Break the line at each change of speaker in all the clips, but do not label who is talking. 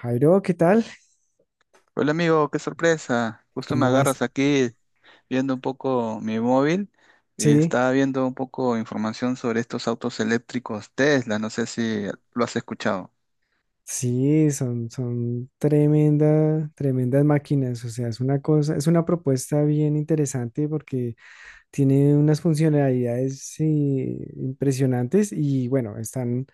Jairo, ¿qué tal?
Hola amigo, qué sorpresa. Justo me
¿Cómo vas?
agarras aquí viendo un poco mi móvil y
Sí,
estaba viendo un poco información sobre estos autos eléctricos Tesla. No sé si lo has escuchado.
sí, son tremenda, tremendas máquinas. O sea, es una cosa, es una propuesta bien interesante porque tiene unas funcionalidades impresionantes y bueno, están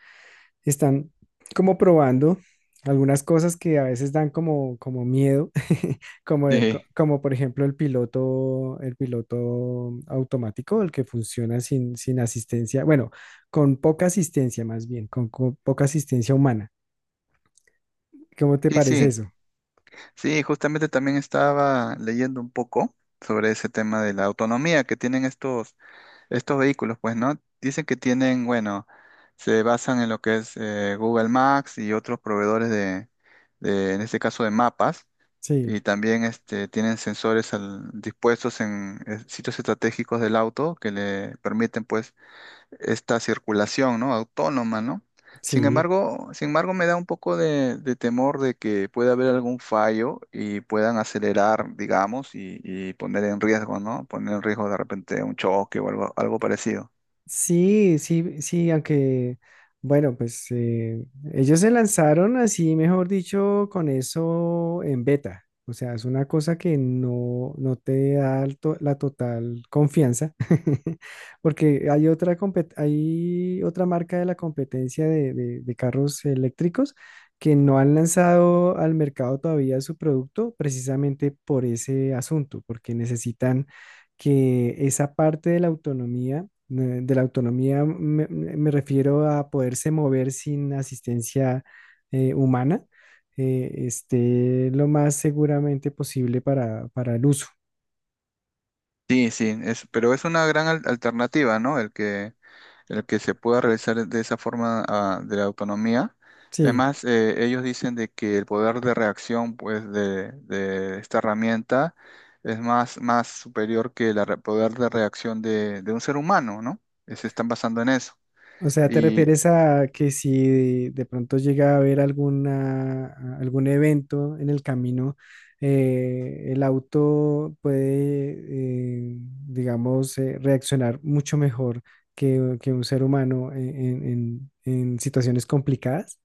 están como probando algunas cosas que a veces dan como, como miedo, como,
Sí.
como por ejemplo el piloto automático, el que funciona sin, sin asistencia, bueno, con poca asistencia más bien, con poca asistencia humana. ¿Cómo te
Sí,
parece
sí,
eso?
sí, justamente también estaba leyendo un poco sobre ese tema de la autonomía que tienen estos vehículos, pues, ¿no? Dicen que tienen, bueno, se basan en lo que es Google Maps y otros proveedores de, en este caso, de mapas.
Sí,
Y también este, tienen sensores dispuestos en sitios estratégicos del auto que le permiten pues esta circulación, ¿no? Autónoma, ¿no? Sin
sí.
embargo, sin embargo, me da un poco de temor de que pueda haber algún fallo y puedan acelerar, digamos, y poner en riesgo, ¿no? Poner en riesgo de repente un choque o algo, algo parecido.
Sí, sí, sí, aunque, bueno, pues ellos se lanzaron así, mejor dicho, con eso en beta. O sea, es una cosa que no, no te da la total confianza. Porque hay otra, hay otra marca de la competencia de, de carros eléctricos que no han lanzado al mercado todavía su producto precisamente por ese asunto, porque necesitan que esa parte de la autonomía me, me refiero a poderse mover sin asistencia humana, esté lo más seguramente posible para el uso.
Sí, sí, es, pero es una gran alternativa, ¿no? El que se pueda realizar de esa forma ah, de la autonomía.
Sí.
Además, ellos dicen de que el poder de reacción pues, de esta herramienta es más, más superior que el poder de reacción de un ser humano, ¿no? Se están basando en eso.
O sea, ¿te
Y
refieres a que si de pronto llega a haber alguna, algún evento en el camino, el auto puede, digamos, reaccionar mucho mejor que un ser humano en, en situaciones complicadas?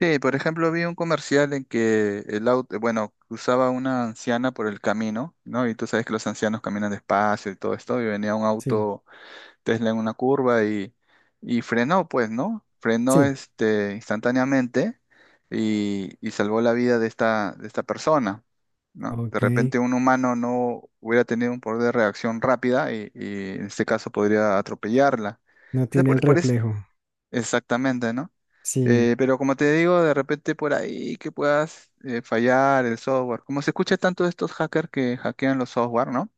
sí, por ejemplo, vi un comercial en que el auto, bueno, cruzaba una anciana por el camino, ¿no? Y tú sabes que los ancianos caminan despacio y todo esto, y venía un
Sí,
auto Tesla en una curva y frenó, pues, ¿no? Frenó
sí,
este, instantáneamente y salvó la vida de esta persona, ¿no? De
ok,
repente un humano no hubiera tenido un poder de reacción rápida y en este caso podría atropellarla.
no
Entonces,
tiene el reflejo.
exactamente, ¿no?
Sí,
Pero como te digo, de repente por ahí que puedas fallar el software. Como se escucha tanto de estos hackers que hackean los software, ¿no?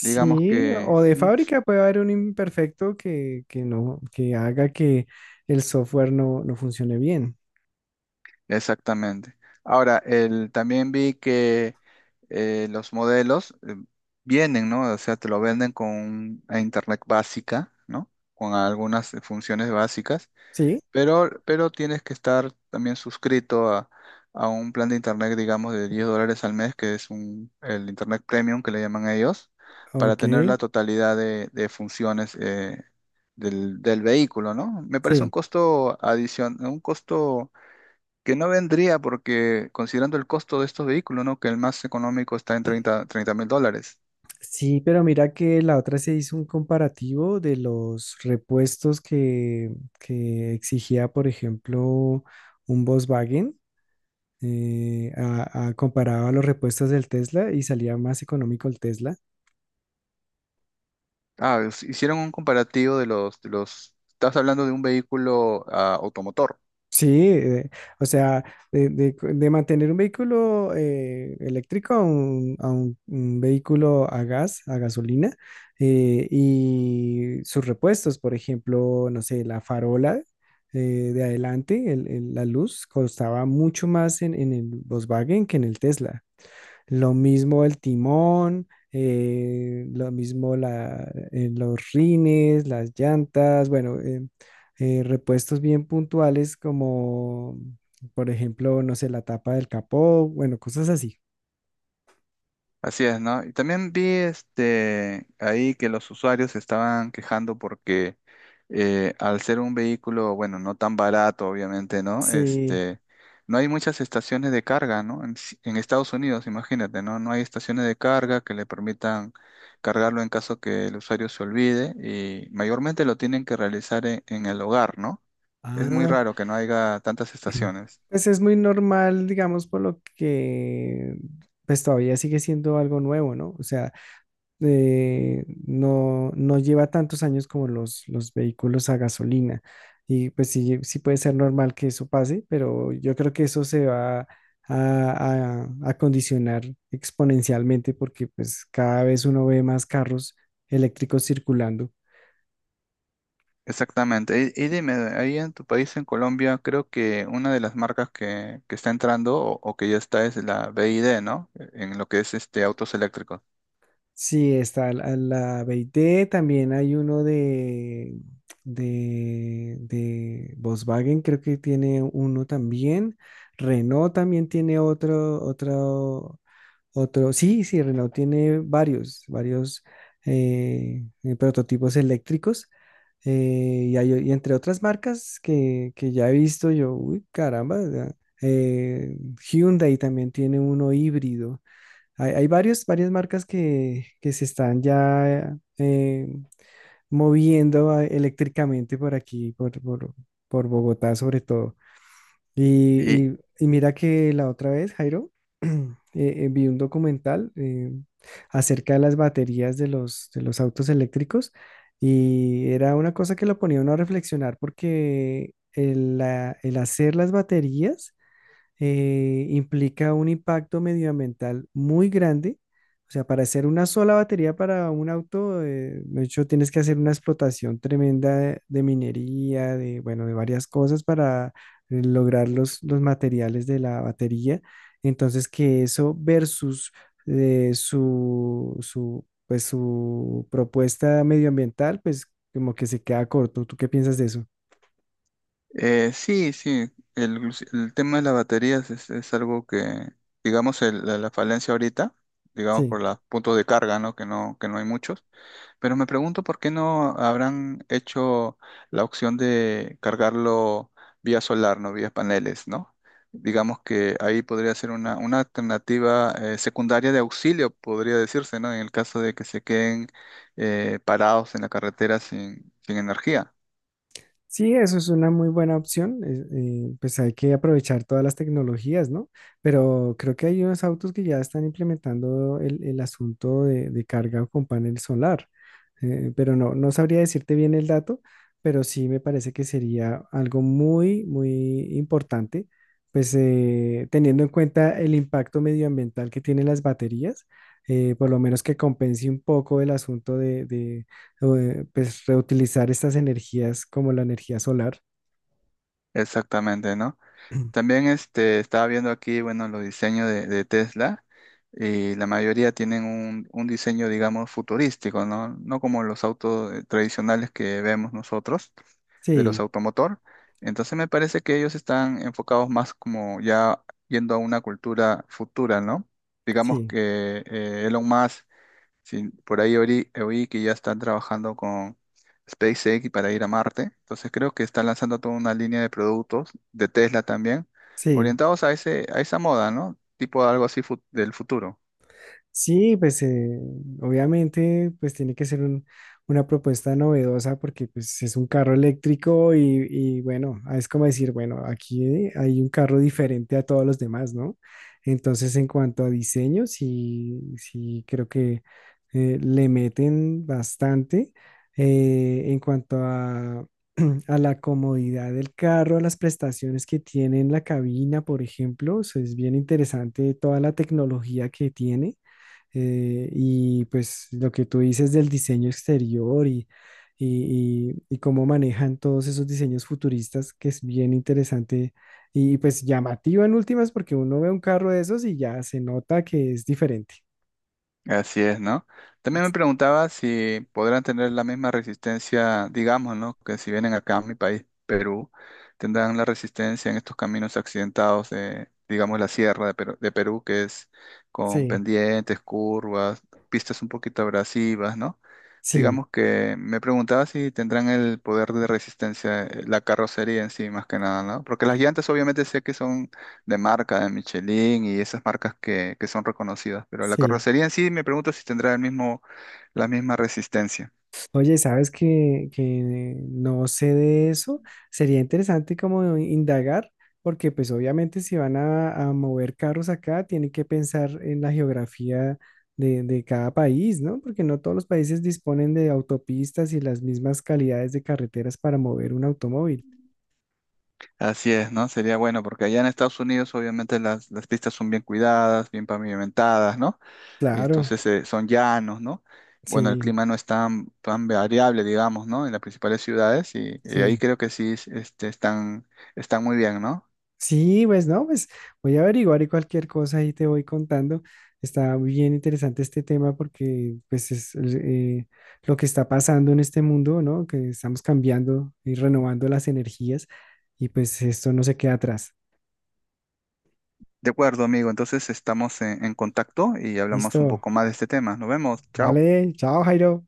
Digamos que
o de
mm,
fábrica puede haber un imperfecto que no, que haga que el software no, no funcione bien.
Exactamente. Ahora, el, también vi que los modelos vienen, ¿no? O sea, te lo venden con una internet básica, ¿no? Con algunas funciones básicas,
Sí,
pero tienes que estar también suscrito a un plan de internet, digamos, de $10 al mes, que es un, el internet premium que le llaman ellos, para
ok,
tener la totalidad de funciones del, del vehículo, ¿no? Me parece un
sí.
costo adicional, un costo que no vendría porque considerando el costo de estos vehículos, ¿no? Que el más económico está en 30, 30 mil dólares.
Sí, pero mira que la otra se hizo un comparativo de los repuestos que exigía, por ejemplo, un Volkswagen, comparado a los repuestos del Tesla y salía más económico el Tesla.
Ah, hicieron un comparativo de los, estás hablando de un vehículo ah, automotor.
Sí, o sea, de, de mantener un vehículo eléctrico a un, a un vehículo a gas, a gasolina, y sus repuestos, por ejemplo, no sé, la farola eh, de adelante, la luz, costaba mucho más en el Volkswagen que en el Tesla. Lo mismo el timón, lo mismo la, los rines, las llantas, bueno, repuestos bien puntuales como, por ejemplo, no sé, la tapa del capó, bueno, cosas así.
Así es, ¿no? Y también vi este ahí que los usuarios se estaban quejando porque al ser un vehículo, bueno, no tan barato, obviamente, ¿no?
Sí.
Este, no hay muchas estaciones de carga, ¿no? En, en Estados Unidos, imagínate, ¿no? No hay estaciones de carga que le permitan cargarlo en caso que el usuario se olvide y mayormente lo tienen que realizar en el hogar, ¿no? Es muy
Ah,
raro que no haya tantas estaciones.
pues es muy normal, digamos, por lo que pues todavía sigue siendo algo nuevo, ¿no? O sea, no, no lleva tantos años como los vehículos a gasolina. Y pues sí, sí puede ser normal que eso pase, pero yo creo que eso se va a condicionar exponencialmente porque pues cada vez uno ve más carros eléctricos circulando.
Exactamente. Y dime, ahí en tu país, en Colombia, creo que una de las marcas que está entrando o que ya está es la BID, ¿no? En lo que es este autos eléctricos.
Sí, está la, la BYD. También hay uno de Volkswagen, creo que tiene uno también. Renault también tiene otro, otro, otro, sí, sí, Renault tiene varios, varios prototipos eléctricos y, y entre otras marcas que ya he visto yo, uy, caramba, ya, eh, Hyundai también tiene uno híbrido. Hay varios, varias marcas que se están ya moviendo ah, eléctricamente por aquí, por Bogotá sobre todo. Y,
Y
y mira que la otra vez, Jairo, vi un documental acerca de las baterías de los autos eléctricos y era una cosa que lo ponía uno a reflexionar porque el, el hacer las baterías implica un impacto medioambiental muy grande. O sea, para hacer una sola batería para un auto, de hecho, tienes que hacer una explotación tremenda de minería, de, bueno, de varias cosas para lograr los materiales de la batería. Entonces, que eso versus su, su, pues, su propuesta medioambiental, pues como que se queda corto. ¿Tú qué piensas de eso?
sí, sí, el, el tema de las baterías es algo que, digamos, la, la falencia ahorita, digamos,
Sí.
por los puntos de carga, ¿no? Que no, que no hay muchos. Pero me pregunto por qué no habrán hecho la opción de cargarlo vía solar, no vía paneles, ¿no? Digamos que ahí podría ser una alternativa secundaria de auxilio, podría decirse, ¿no? En el caso de que se queden parados en la carretera sin, sin energía.
Sí, eso es una muy buena opción. Es- pues hay que aprovechar todas las tecnologías, ¿no? Pero creo que hay unos autos que ya están implementando el asunto de carga con panel solar, pero no, no sabría decirte bien el dato, pero sí me parece que sería algo muy, muy importante, pues teniendo en cuenta el impacto medioambiental que tienen las baterías, por lo menos que compense un poco el asunto de, pues, reutilizar estas energías como la energía solar.
Exactamente, ¿no? También este, estaba viendo aquí, bueno, los diseños de Tesla. Y la mayoría tienen un diseño, digamos, futurístico, ¿no? No como los autos tradicionales que vemos nosotros, de los
Sí,
automotor. Entonces me parece que ellos están enfocados más como ya yendo a una cultura futura, ¿no? Digamos
sí,
que Elon Musk, si por ahí oí que ya están trabajando con SpaceX para ir a Marte. Entonces creo que están lanzando toda una línea de productos, de Tesla también,
sí.
orientados a ese, a esa moda, ¿no? Tipo algo así del futuro.
Sí, pues obviamente pues tiene que ser una propuesta novedosa porque pues es un carro eléctrico y bueno, ah, es como decir, bueno, aquí hay un carro diferente a todos los demás, ¿no? Entonces en cuanto a diseño, sí, sí creo que le meten bastante en cuanto a, a la comodidad del carro, a las prestaciones que tiene en la cabina, por ejemplo, o sea, es bien interesante toda la tecnología que tiene. Y pues lo que tú dices del diseño exterior y, y cómo manejan todos esos diseños futuristas, que es bien interesante y pues llamativo en últimas, porque uno ve un carro de esos y ya se nota que es diferente.
Así es, ¿no? También me preguntaba si podrán tener la misma resistencia, digamos, ¿no? Que si vienen acá a mi país, Perú, tendrán la resistencia en estos caminos accidentados de, digamos, la sierra de Perú, que es con
Sí,
pendientes, curvas, pistas un poquito abrasivas, ¿no?
sí,
Digamos que me preguntaba si tendrán el poder de resistencia, la carrocería en sí, más que nada, ¿no? Porque las llantas obviamente sé que son de marca, de Michelin y esas marcas que son reconocidas. Pero la
sí.
carrocería en sí me pregunto si tendrá el mismo, la misma resistencia.
Oye, ¿sabes que no sé de eso? Sería interesante como indagar, porque pues obviamente si van a mover carros acá, tienen que pensar en la geografía de cada país, ¿no? Porque no todos los países disponen de autopistas y las mismas calidades de carreteras para mover un automóvil.
Así es, ¿no? Sería bueno, porque allá en Estados Unidos obviamente las pistas son bien cuidadas, bien pavimentadas, ¿no? Y
Claro,
entonces son llanos, ¿no? Bueno, el
sí,
clima no es tan, tan variable, digamos, ¿no? En las principales ciudades y ahí
sí.
creo que sí este, están, están muy bien, ¿no?
Sí, pues no, pues voy a averiguar y cualquier cosa ahí te voy contando. Está muy bien interesante este tema porque pues es lo que está pasando en este mundo, ¿no? Que estamos cambiando y renovando las energías y pues esto no se queda atrás.
De acuerdo, amigo. Entonces estamos en contacto y hablamos un
Listo.
poco más de este tema. Nos vemos. Chao.
Vale, chao Jairo.